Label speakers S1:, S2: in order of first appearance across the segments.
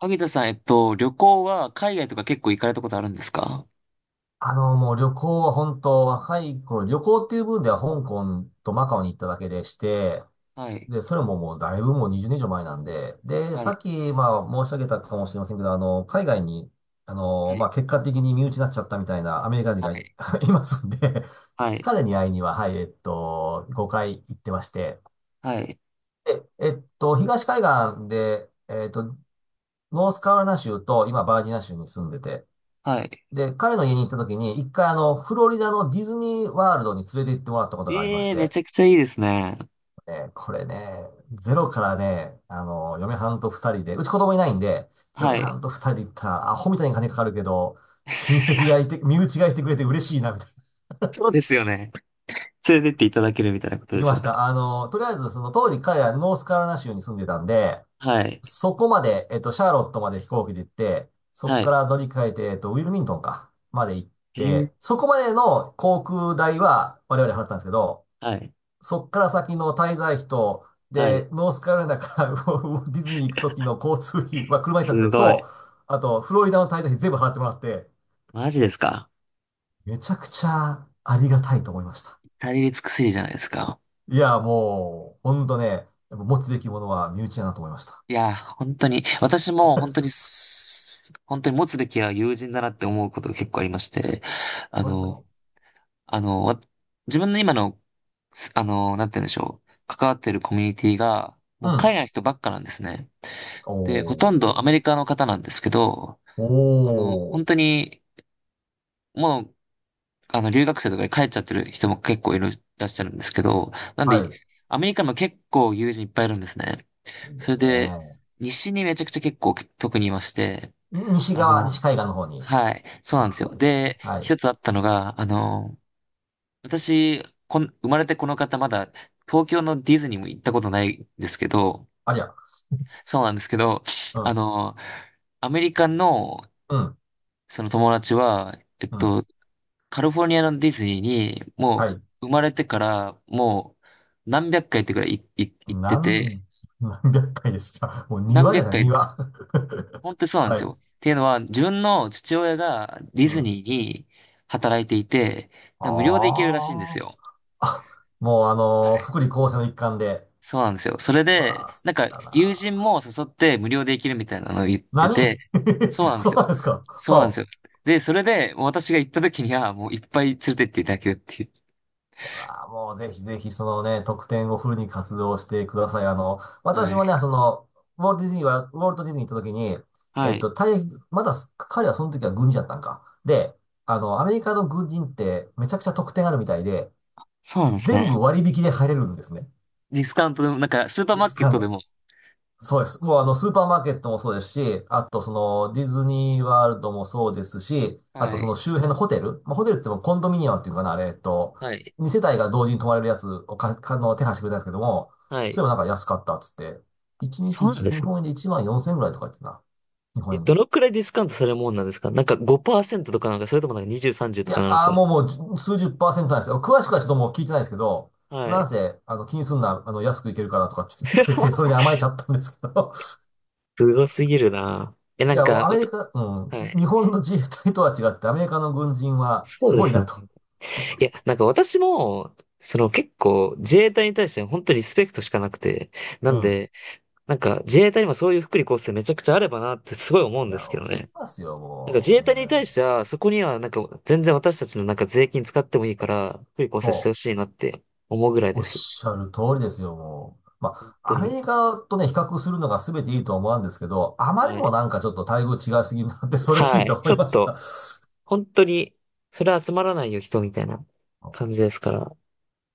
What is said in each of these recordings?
S1: 萩田さん、旅行は海外とか結構行かれたことあるんですか？
S2: もう旅行は本当若い頃、旅行っていう分では香港とマカオに行っただけでして、
S1: はい、
S2: で、それももうだいぶもう20年以上前なんで、で、
S1: は
S2: さ
S1: い、
S2: っき、まあ申し上げたかもしれませんけど、海外に、
S1: はい、
S2: まあ結果的に身内になっちゃったみたいなアメリカ人
S1: は
S2: がい、いますんで、
S1: い、
S2: 彼に会いには、はい、5回行ってまして、
S1: はい、
S2: で、東海岸で、ノースカロライナ州と今バージニア州に住んでて、
S1: はい。
S2: で、彼の家に行った時に、一回フロリダのディズニーワールドに連れて行ってもらったことがありまし
S1: ええー、め
S2: て、
S1: ちゃくちゃいいですね。
S2: これね、ゼロからね、嫁はんと二人で、うち子供いないんで、
S1: は
S2: 嫁は
S1: い。
S2: んと二人で行ったら、アホみたいに金かかるけど、親 戚がいて、身内がいてくれて嬉しいな、みたいな。
S1: そうですよね。連れてっていただけるみたいなこと
S2: 行
S1: で
S2: き
S1: す
S2: ま
S1: よ
S2: し
S1: ね。
S2: た。とりあえず、その当時彼らノースカロライナ州に住んでたんで、
S1: はい、
S2: そこまで、シャーロットまで飛行機で行って、そこ
S1: は
S2: か
S1: い。
S2: ら乗り換えて、ウィルミントンか、まで行っ
S1: えー
S2: て、そこまでの航空代は我々払ったんですけど、
S1: はい、
S2: そこから先の滞在費と、
S1: はい。
S2: で、ノースカロライナから ウォディズニー行く時の交通費は車で行ったんで
S1: す
S2: すけど、
S1: ごい。
S2: と、あと、フロリダの滞在費全部払ってもらって、
S1: マジですか？
S2: めちゃくちゃありがたいと思いました。
S1: 至れり尽くせりじゃないですか。
S2: いや、もう、ほんとね、やっぱ持つべきものは身内だなと思いました。
S1: いや、本当に、私も本当に持つべきは友人だなって思うことが結構ありまして、あ
S2: そうですよ
S1: の、
S2: ね。
S1: あの、自分の今の、すあの、なんて言うんでしょう。関わってるコミュニティが、も
S2: う
S1: う海
S2: ん。
S1: 外の人ばっかなんですね。
S2: お
S1: で、ほとんどアメ
S2: ー。
S1: リカの方なんですけど、
S2: お
S1: 本
S2: ー。
S1: 当に、もう、留学生とかで帰っちゃってる人も結構いらっしゃるんですけど、なん
S2: は
S1: で、
S2: い。
S1: アメリカにも結構友人いっぱいいるんですね。
S2: いいで
S1: それ
S2: すね。
S1: で、西にめちゃくちゃ結構特にいまして、
S2: 西
S1: あ
S2: 側、
S1: の、
S2: 西海岸の方に。
S1: はい、そうなんで
S2: あ、
S1: す
S2: そ
S1: よ。
S2: うですよね。
S1: で、
S2: はい。
S1: 一つあったのが、私、生まれてこの方まだ東京のディズニーも行ったことないんですけど、
S2: ありゃ。
S1: そうなんですけど、
S2: う
S1: あ
S2: ん。
S1: の、アメリカの
S2: うん。
S1: その友達は、えっ
S2: うん。
S1: と、カリフォルニアのディズニーにも
S2: は
S1: う
S2: い。
S1: 生まれてからもう何百回ってくらい行って
S2: な
S1: て、
S2: ん、何百回ですか。もう
S1: 何
S2: 庭じ
S1: 百
S2: ゃない、
S1: 回、
S2: 庭。
S1: 本当にそう なんで
S2: は
S1: すよ。
S2: い。
S1: っていうのは、自分の父親がディ
S2: う
S1: ズ
S2: ん。
S1: ニーに働いていて、なんか無料で行ける
S2: あ
S1: らしいんですよ。
S2: あ。あもう福利厚生の一環で。
S1: そうなんですよ。それ
S2: う
S1: で、
S2: わあ、好
S1: なん
S2: き
S1: か
S2: だ
S1: 友人
S2: な。
S1: も誘って無料で行けるみたいなのを言って
S2: 何
S1: て、そう なんで
S2: そ
S1: す
S2: うな
S1: よ。
S2: んですか。
S1: そうなんで
S2: は
S1: すよ。
S2: あ
S1: で、それで私が行った時にはもういっぱい連れてっていただけるっていう。
S2: あーもうぜひぜひそのね、特典をフルに活動してください。私
S1: は
S2: も
S1: い。
S2: ね、その、ウォルト・ディズニーは、ウォルト・ディズニー行った時に、
S1: はい。
S2: 大役、まだ彼はその時は軍人だったんか。で、アメリカの軍人ってめちゃくちゃ特典あるみたいで、
S1: そうなんです
S2: 全
S1: ね。
S2: 部割引で入れるんですね。
S1: ディスカウントでも、なんかスーパー
S2: ディ
S1: マー
S2: ス
S1: ケッ
S2: カウン
S1: トで
S2: ト
S1: も。
S2: そうです。もうスーパーマーケットもそうですし、あとその、ディズニーワールドもそうですし、あ
S1: は
S2: とそ
S1: い。
S2: の周辺のホテル、まあ、ホテルって言ってもコンドミニアムっていうのかな、あれ、
S1: はい。
S2: 2世帯が同時に泊まれるやつをか、かの、手配してくれたんですけども、
S1: は
S2: それ
S1: い。
S2: もなんか安かったっつって、1日
S1: そうなん
S2: 1、
S1: で
S2: 日
S1: すね。
S2: 本円で1万4千円ぐらいとか言ってたな。日本
S1: え、
S2: 円
S1: ど
S2: で。
S1: のくらいディスカウントされるもんなんですか？なんか5%とかなんか、それともなんか20、30
S2: い
S1: とか
S2: や、
S1: なの
S2: あー
S1: か。
S2: もうもう数十パーセントなんですよ。詳しくはちょっともう聞いてないですけど、
S1: は
S2: なん
S1: い。
S2: せ、気にすんな、安くいけるからとかって言ってくれて、それ に甘えちゃったんですけど、
S1: すごすぎるな。え、な
S2: い
S1: ん
S2: や、
S1: か、
S2: アメリカ、
S1: は
S2: 日
S1: い。
S2: 本の自衛隊とは違って、アメリカの軍人は
S1: そ
S2: す
S1: うで
S2: ごい
S1: すよ
S2: なと。
S1: ね？いや、なんか私も、その結構自衛隊に対して本当にリスペクトしかなくて、な
S2: う
S1: ん
S2: ん。
S1: で、なんか自衛隊にもそういう福利厚生めちゃくちゃあればなってすごい思うん
S2: い
S1: です
S2: や、
S1: けど
S2: 思い
S1: ね。
S2: ますよ、
S1: なんか自
S2: もう
S1: 衛
S2: ね。
S1: 隊に対しては、そこにはなんか全然私たちのなんか税金使ってもいいから、福利厚生して
S2: そ
S1: ほしいなって思うぐらい
S2: う。お
S1: で
S2: っ
S1: す。
S2: しゃる通りですよ、もう。ま
S1: 本当
S2: あ、アメ
S1: に。
S2: リカとね、比較するのが全ていいとは思うんですけど、あまり
S1: は
S2: にも
S1: い。
S2: なんかちょっと待遇違いすぎるなって、それ
S1: は
S2: 聞いて
S1: い。
S2: 思
S1: ちょ
S2: い
S1: っ
S2: まし
S1: と、
S2: た。
S1: 本当に、それ集まらないよ人みたいな感じですから。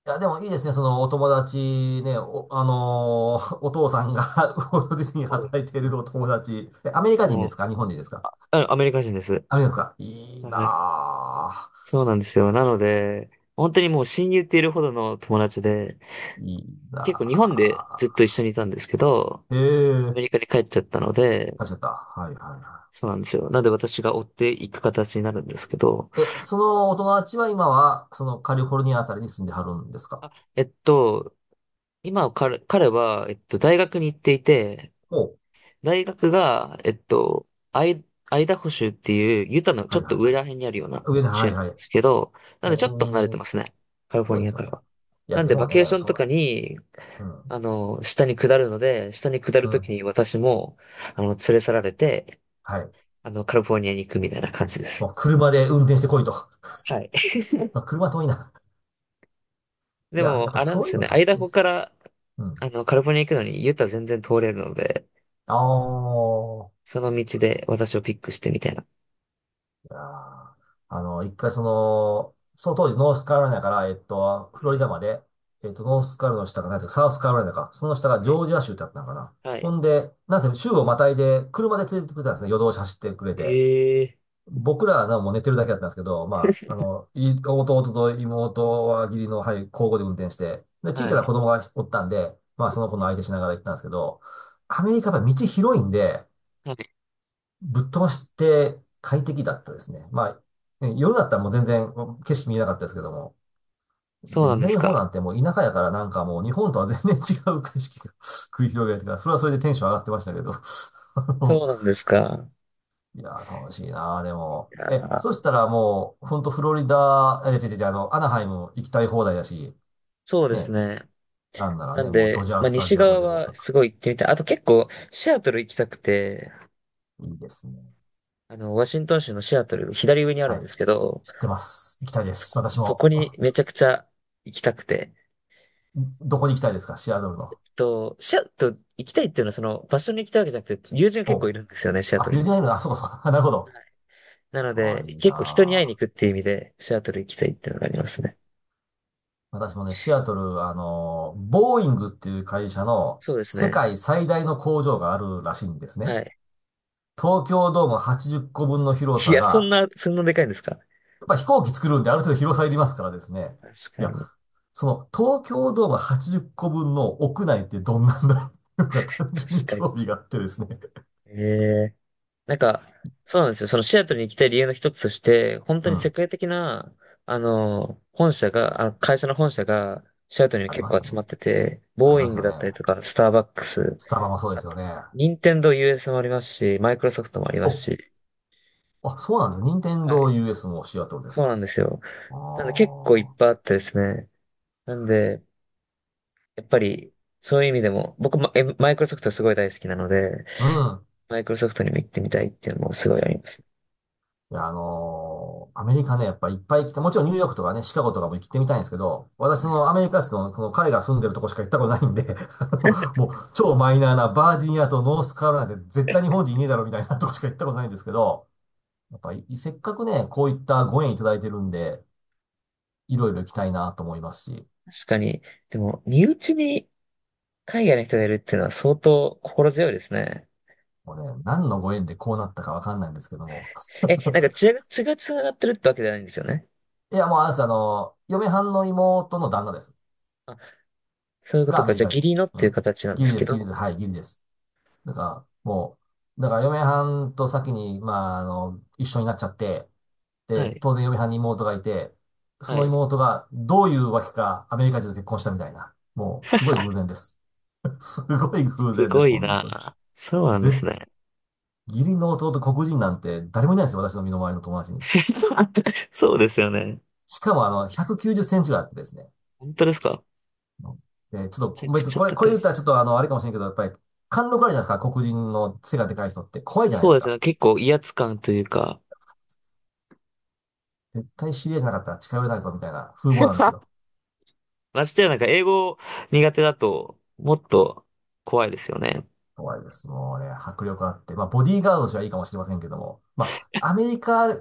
S2: いや、でもいいですね。そのお友達ね、お、あのーお父さんが ウォルト・ディズニーに
S1: そうで
S2: 働
S1: す
S2: いてい
S1: ね。
S2: るお友達。えアメリカ人
S1: も
S2: で
S1: う、
S2: すか日本人ですか
S1: あ、アメリカ人です。
S2: アメリカですかいい
S1: はい。
S2: なぁ。
S1: そうなんですよ。なので、本当にもう親友っているほどの友達で、
S2: いいな
S1: 結構日本でずっと一緒にいたんですけど、
S2: ぁ。え
S1: アメリカ
S2: え、
S1: に帰っちゃったので、
S2: あ、ちゃった。はいはいは
S1: そうなんですよ。なので私が追っていく形になるんですけど、
S2: い。え、そのお友達は今は、そのカリフォルニアあたりに住んではるんですか
S1: あ、今彼は、大学に行っていて、
S2: おう。
S1: 大学が、アイ、アイダホ州っていうユタのち
S2: は
S1: ょ
S2: い
S1: っ
S2: は
S1: と
S2: い
S1: 上
S2: は
S1: ら
S2: い。
S1: 辺にあるような
S2: 上の、
S1: 州
S2: は
S1: なん
S2: いは
S1: で
S2: い。
S1: すけど、なのでちょっと離れ
S2: お
S1: て
S2: ー、
S1: ますね。カリフォ
S2: そう
S1: ル
S2: で
S1: ニア
S2: すよ
S1: か
S2: ね。
S1: ら。
S2: いや、
S1: なん
S2: で
S1: で、バ
S2: もね、
S1: ケーション
S2: そ
S1: と
S2: の、
S1: かに、
S2: うん、
S1: 下に下るので、下に下る
S2: う
S1: とき
S2: ん、
S1: に私も、連れ去られて、
S2: はい。
S1: カリフォルニアに行くみたいな感じで
S2: も
S1: す。
S2: う車で運転してこいと。
S1: はい。
S2: まあ、車遠いな。い
S1: で
S2: や、やっ
S1: も、
S2: ぱ
S1: あ
S2: り
S1: れなん
S2: そ
S1: で
S2: うい
S1: す
S2: う
S1: よ
S2: の
S1: ね。ア
S2: 大
S1: イ
S2: 事
S1: ダ
S2: で
S1: ホ
S2: す。
S1: から、
S2: うん。
S1: カリフォルニア行くのに、ユタ全然通れるので、
S2: ああ。
S1: その道で私をピックしてみたいな。
S2: いやー一回その当時ノースカロライナから、フ
S1: は
S2: ロリダ
S1: い
S2: まで、ノースカロライナの下が何ていうか、サウスカロライナか、その下が
S1: は
S2: ジ
S1: い。
S2: ョージア州ってあったのかな。
S1: は
S2: ほ
S1: い。
S2: んで、なんせ州をまたいで、車で連れてってくれたんですね。夜通し走ってくれて。
S1: ええ
S2: 僕らはなもう寝てるだけだったんですけど、まあ、弟と妹は義理の、はい、交互で運転して、で、小
S1: は
S2: さな
S1: い。
S2: 子供がおったんで、まあ、その子の相手しながら行ったんですけど、アメリカは道広いんで、
S1: はい。
S2: ぶっ飛ばして快適だったですね。まあ、ね夜だったらもう全然景色見えなかったですけども。
S1: そう
S2: で、
S1: なんで
S2: 南
S1: す
S2: の方
S1: か。
S2: なんてもう田舎やからなんかもう日本とは全然違う景色が 繰り広げられてから、それはそれでテンション上がってましたけど。あ
S1: そう
S2: の
S1: なんですか。
S2: いやー、楽しいなー、でも。
S1: いや
S2: え、
S1: ー
S2: そしたらもう、ほんとフロリダ、え、違う違うアナハイム行きたい放題だし、
S1: そうです
S2: ね、
S1: ね。
S2: なんなら
S1: な
S2: ね、
S1: ん
S2: もうド
S1: で、
S2: ジャー
S1: まあ、
S2: スタ
S1: 西
S2: ジアム
S1: 側
S2: でも
S1: は
S2: さ、
S1: すごい行ってみたい。あと結構、シアトル行きたくて、
S2: いいですね。
S1: ワシントン州のシアトル、左上にあるん
S2: は
S1: で
S2: い、
S1: すけど、
S2: 知ってます。行きたいです。私
S1: そ
S2: も。
S1: こに めちゃくちゃ行きたくて、
S2: どこに行きたいですかシアトルの。
S1: シアトル行きたいっていうのはその、場所に行きたいわけじゃなくて、友人が結構
S2: お
S1: いるんですよね、シア
S2: あ、
S1: トル
S2: ユ
S1: に。
S2: ニアイル、あ、そうかそうか。なるほど。
S1: なの
S2: ああ、い
S1: で、
S2: いな
S1: 結構人に会いに
S2: あ。
S1: 行くっていう意味で、シアトル行きたいっていうのがありますね。
S2: 私もね、シアトル、ボーイングっていう会社の
S1: そうです
S2: 世
S1: ね。
S2: 界最大の工場があるらしいんです
S1: は
S2: ね。
S1: い。
S2: 東京ドーム80個分の広
S1: い
S2: さ
S1: や、
S2: が、
S1: そんなでかいんですか？
S2: やっぱ飛行機作るんである程度広さいりますからですね。
S1: 確
S2: い
S1: か
S2: や、
S1: に。
S2: その東京ドーム80個分の屋内ってどんなんだろうっていうのか単
S1: 確
S2: 純に
S1: か
S2: 興
S1: に。
S2: 味があってですね。
S1: ええなんか、そうなんですよ。そのシアトルに行きたい理由の一つとして、本 当
S2: う
S1: に世
S2: ん。
S1: 界的な、本社が、あ、会社の本社が、シアトルに
S2: あり
S1: 結
S2: ます
S1: 構
S2: よ
S1: 集まっ
S2: ね。
S1: てて、
S2: あり
S1: ボー
S2: ま
S1: イン
S2: す
S1: グ
S2: よ
S1: だったり
S2: ね。
S1: とか、スターバックス、
S2: スタバもそうで
S1: あ
S2: すよ
S1: と、
S2: ね。
S1: 任天堂 US もありますし、マイクロソフトもあります
S2: お、
S1: し、
S2: あ、そうなんだ。任天
S1: はい。
S2: 堂 US もシアトルです
S1: そうな
S2: か。
S1: んですよ。
S2: あ
S1: なんで結構いっぱいあってですね。なんで、やっぱり、そういう意味でも、僕も、マイクロソフトすごい大好きなので、
S2: うん。
S1: マイクロソフトにも行ってみたいっていうのもすごいあります。
S2: いや、アメリカね、やっぱいっぱい来て、もちろんニューヨークとかね、シカゴとかも行ってみたいんですけど、私
S1: は
S2: そ
S1: い
S2: のアメリカ人の、この彼が住んでるとこしか行ったことないんで、あもう超マイナーなバージニアとノースカロライナで絶対日本人いねえだろみたいなとこしか行ったことないんですけど、やっぱりせっかくね、こういったご縁いただいてるんで、いろいろ行きたいなと思いますし、
S1: 確かに、でも、身内に海外の人がいるっていうのは相当心強いですね。
S2: もうね、何のご縁でこうなったかわかんないんですけども。
S1: え、なんか 血が繋がってるってわけじゃないんですよね。
S2: いや、もうあれです、嫁はんの妹の旦那です。
S1: あ、そういうこ
S2: が
S1: と
S2: ア
S1: か。
S2: メリ
S1: じゃあ
S2: カ
S1: 義
S2: 人。
S1: 理のっ
S2: う
S1: ていう
S2: ん。
S1: 形なんで
S2: ギリ
S1: す
S2: で
S1: け
S2: す、ギリです。
S1: ど。
S2: はい、ギリです。だから、もだから嫁はんと先に、まあ、一緒になっちゃって、
S1: は
S2: で、
S1: い。
S2: 当然嫁はんに妹がいて、そ
S1: は
S2: の
S1: い。
S2: 妹がどういうわけかアメリカ人と結婚したみたいな。もう、すごい偶然 です。すごい偶
S1: す
S2: 然で
S1: ご
S2: す、
S1: い
S2: 本当に。
S1: な。そうなんで
S2: ぜ、
S1: すね。
S2: 義理の弟黒人なんて誰もいないですよ、私の身の回りの友達に。
S1: そうですよね。
S2: しかも190センチぐらいあってですね。
S1: 本当ですか？
S2: で、ちょ
S1: め
S2: っと
S1: ちゃく
S2: 別に
S1: ちゃ
S2: これ、こ
S1: 高
S2: れ
S1: い
S2: 言っ
S1: し。
S2: たらちょっとあれかもしれんけど、やっぱり、貫禄あるじゃないですか、黒人の背がでかい人って。怖いじゃない
S1: そ
S2: で
S1: う
S2: す
S1: です
S2: か。
S1: ね。結構威圧感というか。
S2: 絶対知り合いじゃなかったら近寄れないぞ、みたいな風貌なんです よ。
S1: ましてやなんか英語苦手だともっと怖いですよね。
S2: 怖いです。もうね、迫力あって。まあ、ボディーガードとしてはいいかもしれませんけども。まあ、アメリカ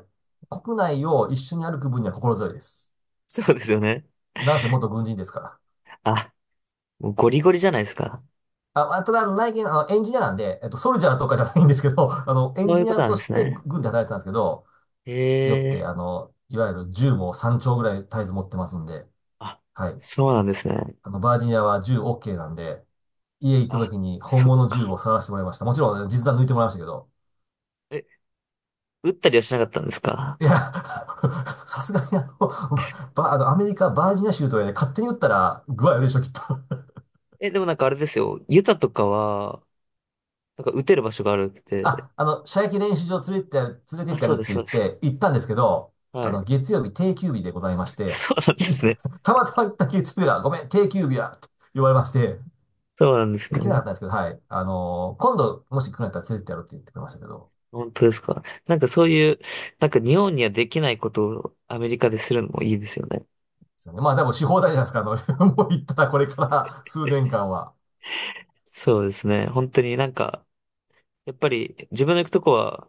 S2: 国内を一緒に歩く分には心強いです。
S1: そうですよね。
S2: なんせ元軍人ですから。
S1: あ、もうゴリゴリじゃないですか。
S2: あ、まあただ、内見、エンジニアなんで、ソルジャーとかじゃないんですけど、エン
S1: そうい
S2: ジ
S1: う
S2: ニ
S1: こと
S2: ア
S1: なん
S2: と
S1: で
S2: し
S1: す
S2: て
S1: ね。
S2: 軍で働いてたんですけど、
S1: へ
S2: よって、
S1: え。
S2: いわゆる銃も3丁ぐらい絶えず持ってますんで、
S1: あ、
S2: はい。
S1: そうなんですね。
S2: バージニアは銃 OK なんで、家行った
S1: あ、
S2: 時に本
S1: そっ
S2: 物の銃
S1: か。
S2: を探してもらいました。もちろん実弾抜いてもらいましたけど。
S1: え、打ったりはしなかったんですか？
S2: いや、さすがにあの、ば、あの、アメリカ、バージニア州とかで勝手に撃ったら具合悪いでしょ、きっと。
S1: え、でもなんかあれですよ。ユタとかは、なんか打てる場所があるって。
S2: あ、射撃練習場連れてってやる、連れて
S1: あ、
S2: ってや
S1: そう
S2: る
S1: で
S2: っ
S1: す、
S2: て言
S1: そ
S2: っ
S1: うです。
S2: て行ったんですけど、
S1: はい。
S2: 月曜日定休日でございま して、
S1: そうなんですね。
S2: たまたま行った月曜日が、ごめん、定休日や、って言われまして、
S1: そうなんです
S2: 行けなか
S1: ね。
S2: ったんですけど、はい。今度、もし来るんだったら連れてってやるって言ってくれましたけど、
S1: 本当ですか。なんかそういう、なんか日本にはできないことをアメリカでするのもいいですよね。
S2: ですよね。まあ、でもし放題じゃないですか。もう言ったらこれから数年間は。
S1: そうですね。本当になんか、やっぱり自分の行くとこは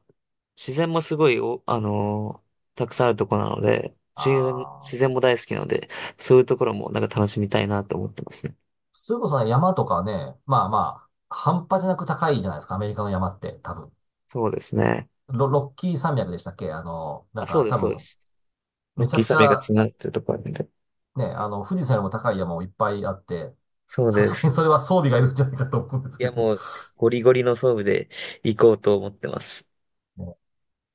S1: 自然もすごいお、あのーたくさんあるとこなので、
S2: あ
S1: 自然
S2: あ、
S1: も大好きなので、そういうところもなんか楽しみたいなと思ってますね。
S2: それこそね山とかね、まあまあ、半端じゃなく高いじゃないですか。アメリカの山って、多分。
S1: そうですね。
S2: ロッキー山脈でしたっけな
S1: あ、
S2: ん
S1: そう
S2: か
S1: です、
S2: 多
S1: そうで
S2: 分、
S1: す。ロ
S2: め
S1: ッ
S2: ちゃ
S1: キー
S2: くち
S1: 山脈が
S2: ゃ、
S1: 繋がってるところなんで。
S2: ね、富士山よりも高い山もいっぱいあって、
S1: そう
S2: さ
S1: で
S2: すが
S1: す。
S2: にそれは装備がいるんじゃないかと思うんです
S1: い
S2: け
S1: や、
S2: ど。
S1: もう、ゴリゴリの装備で行こうと思ってます。
S2: ね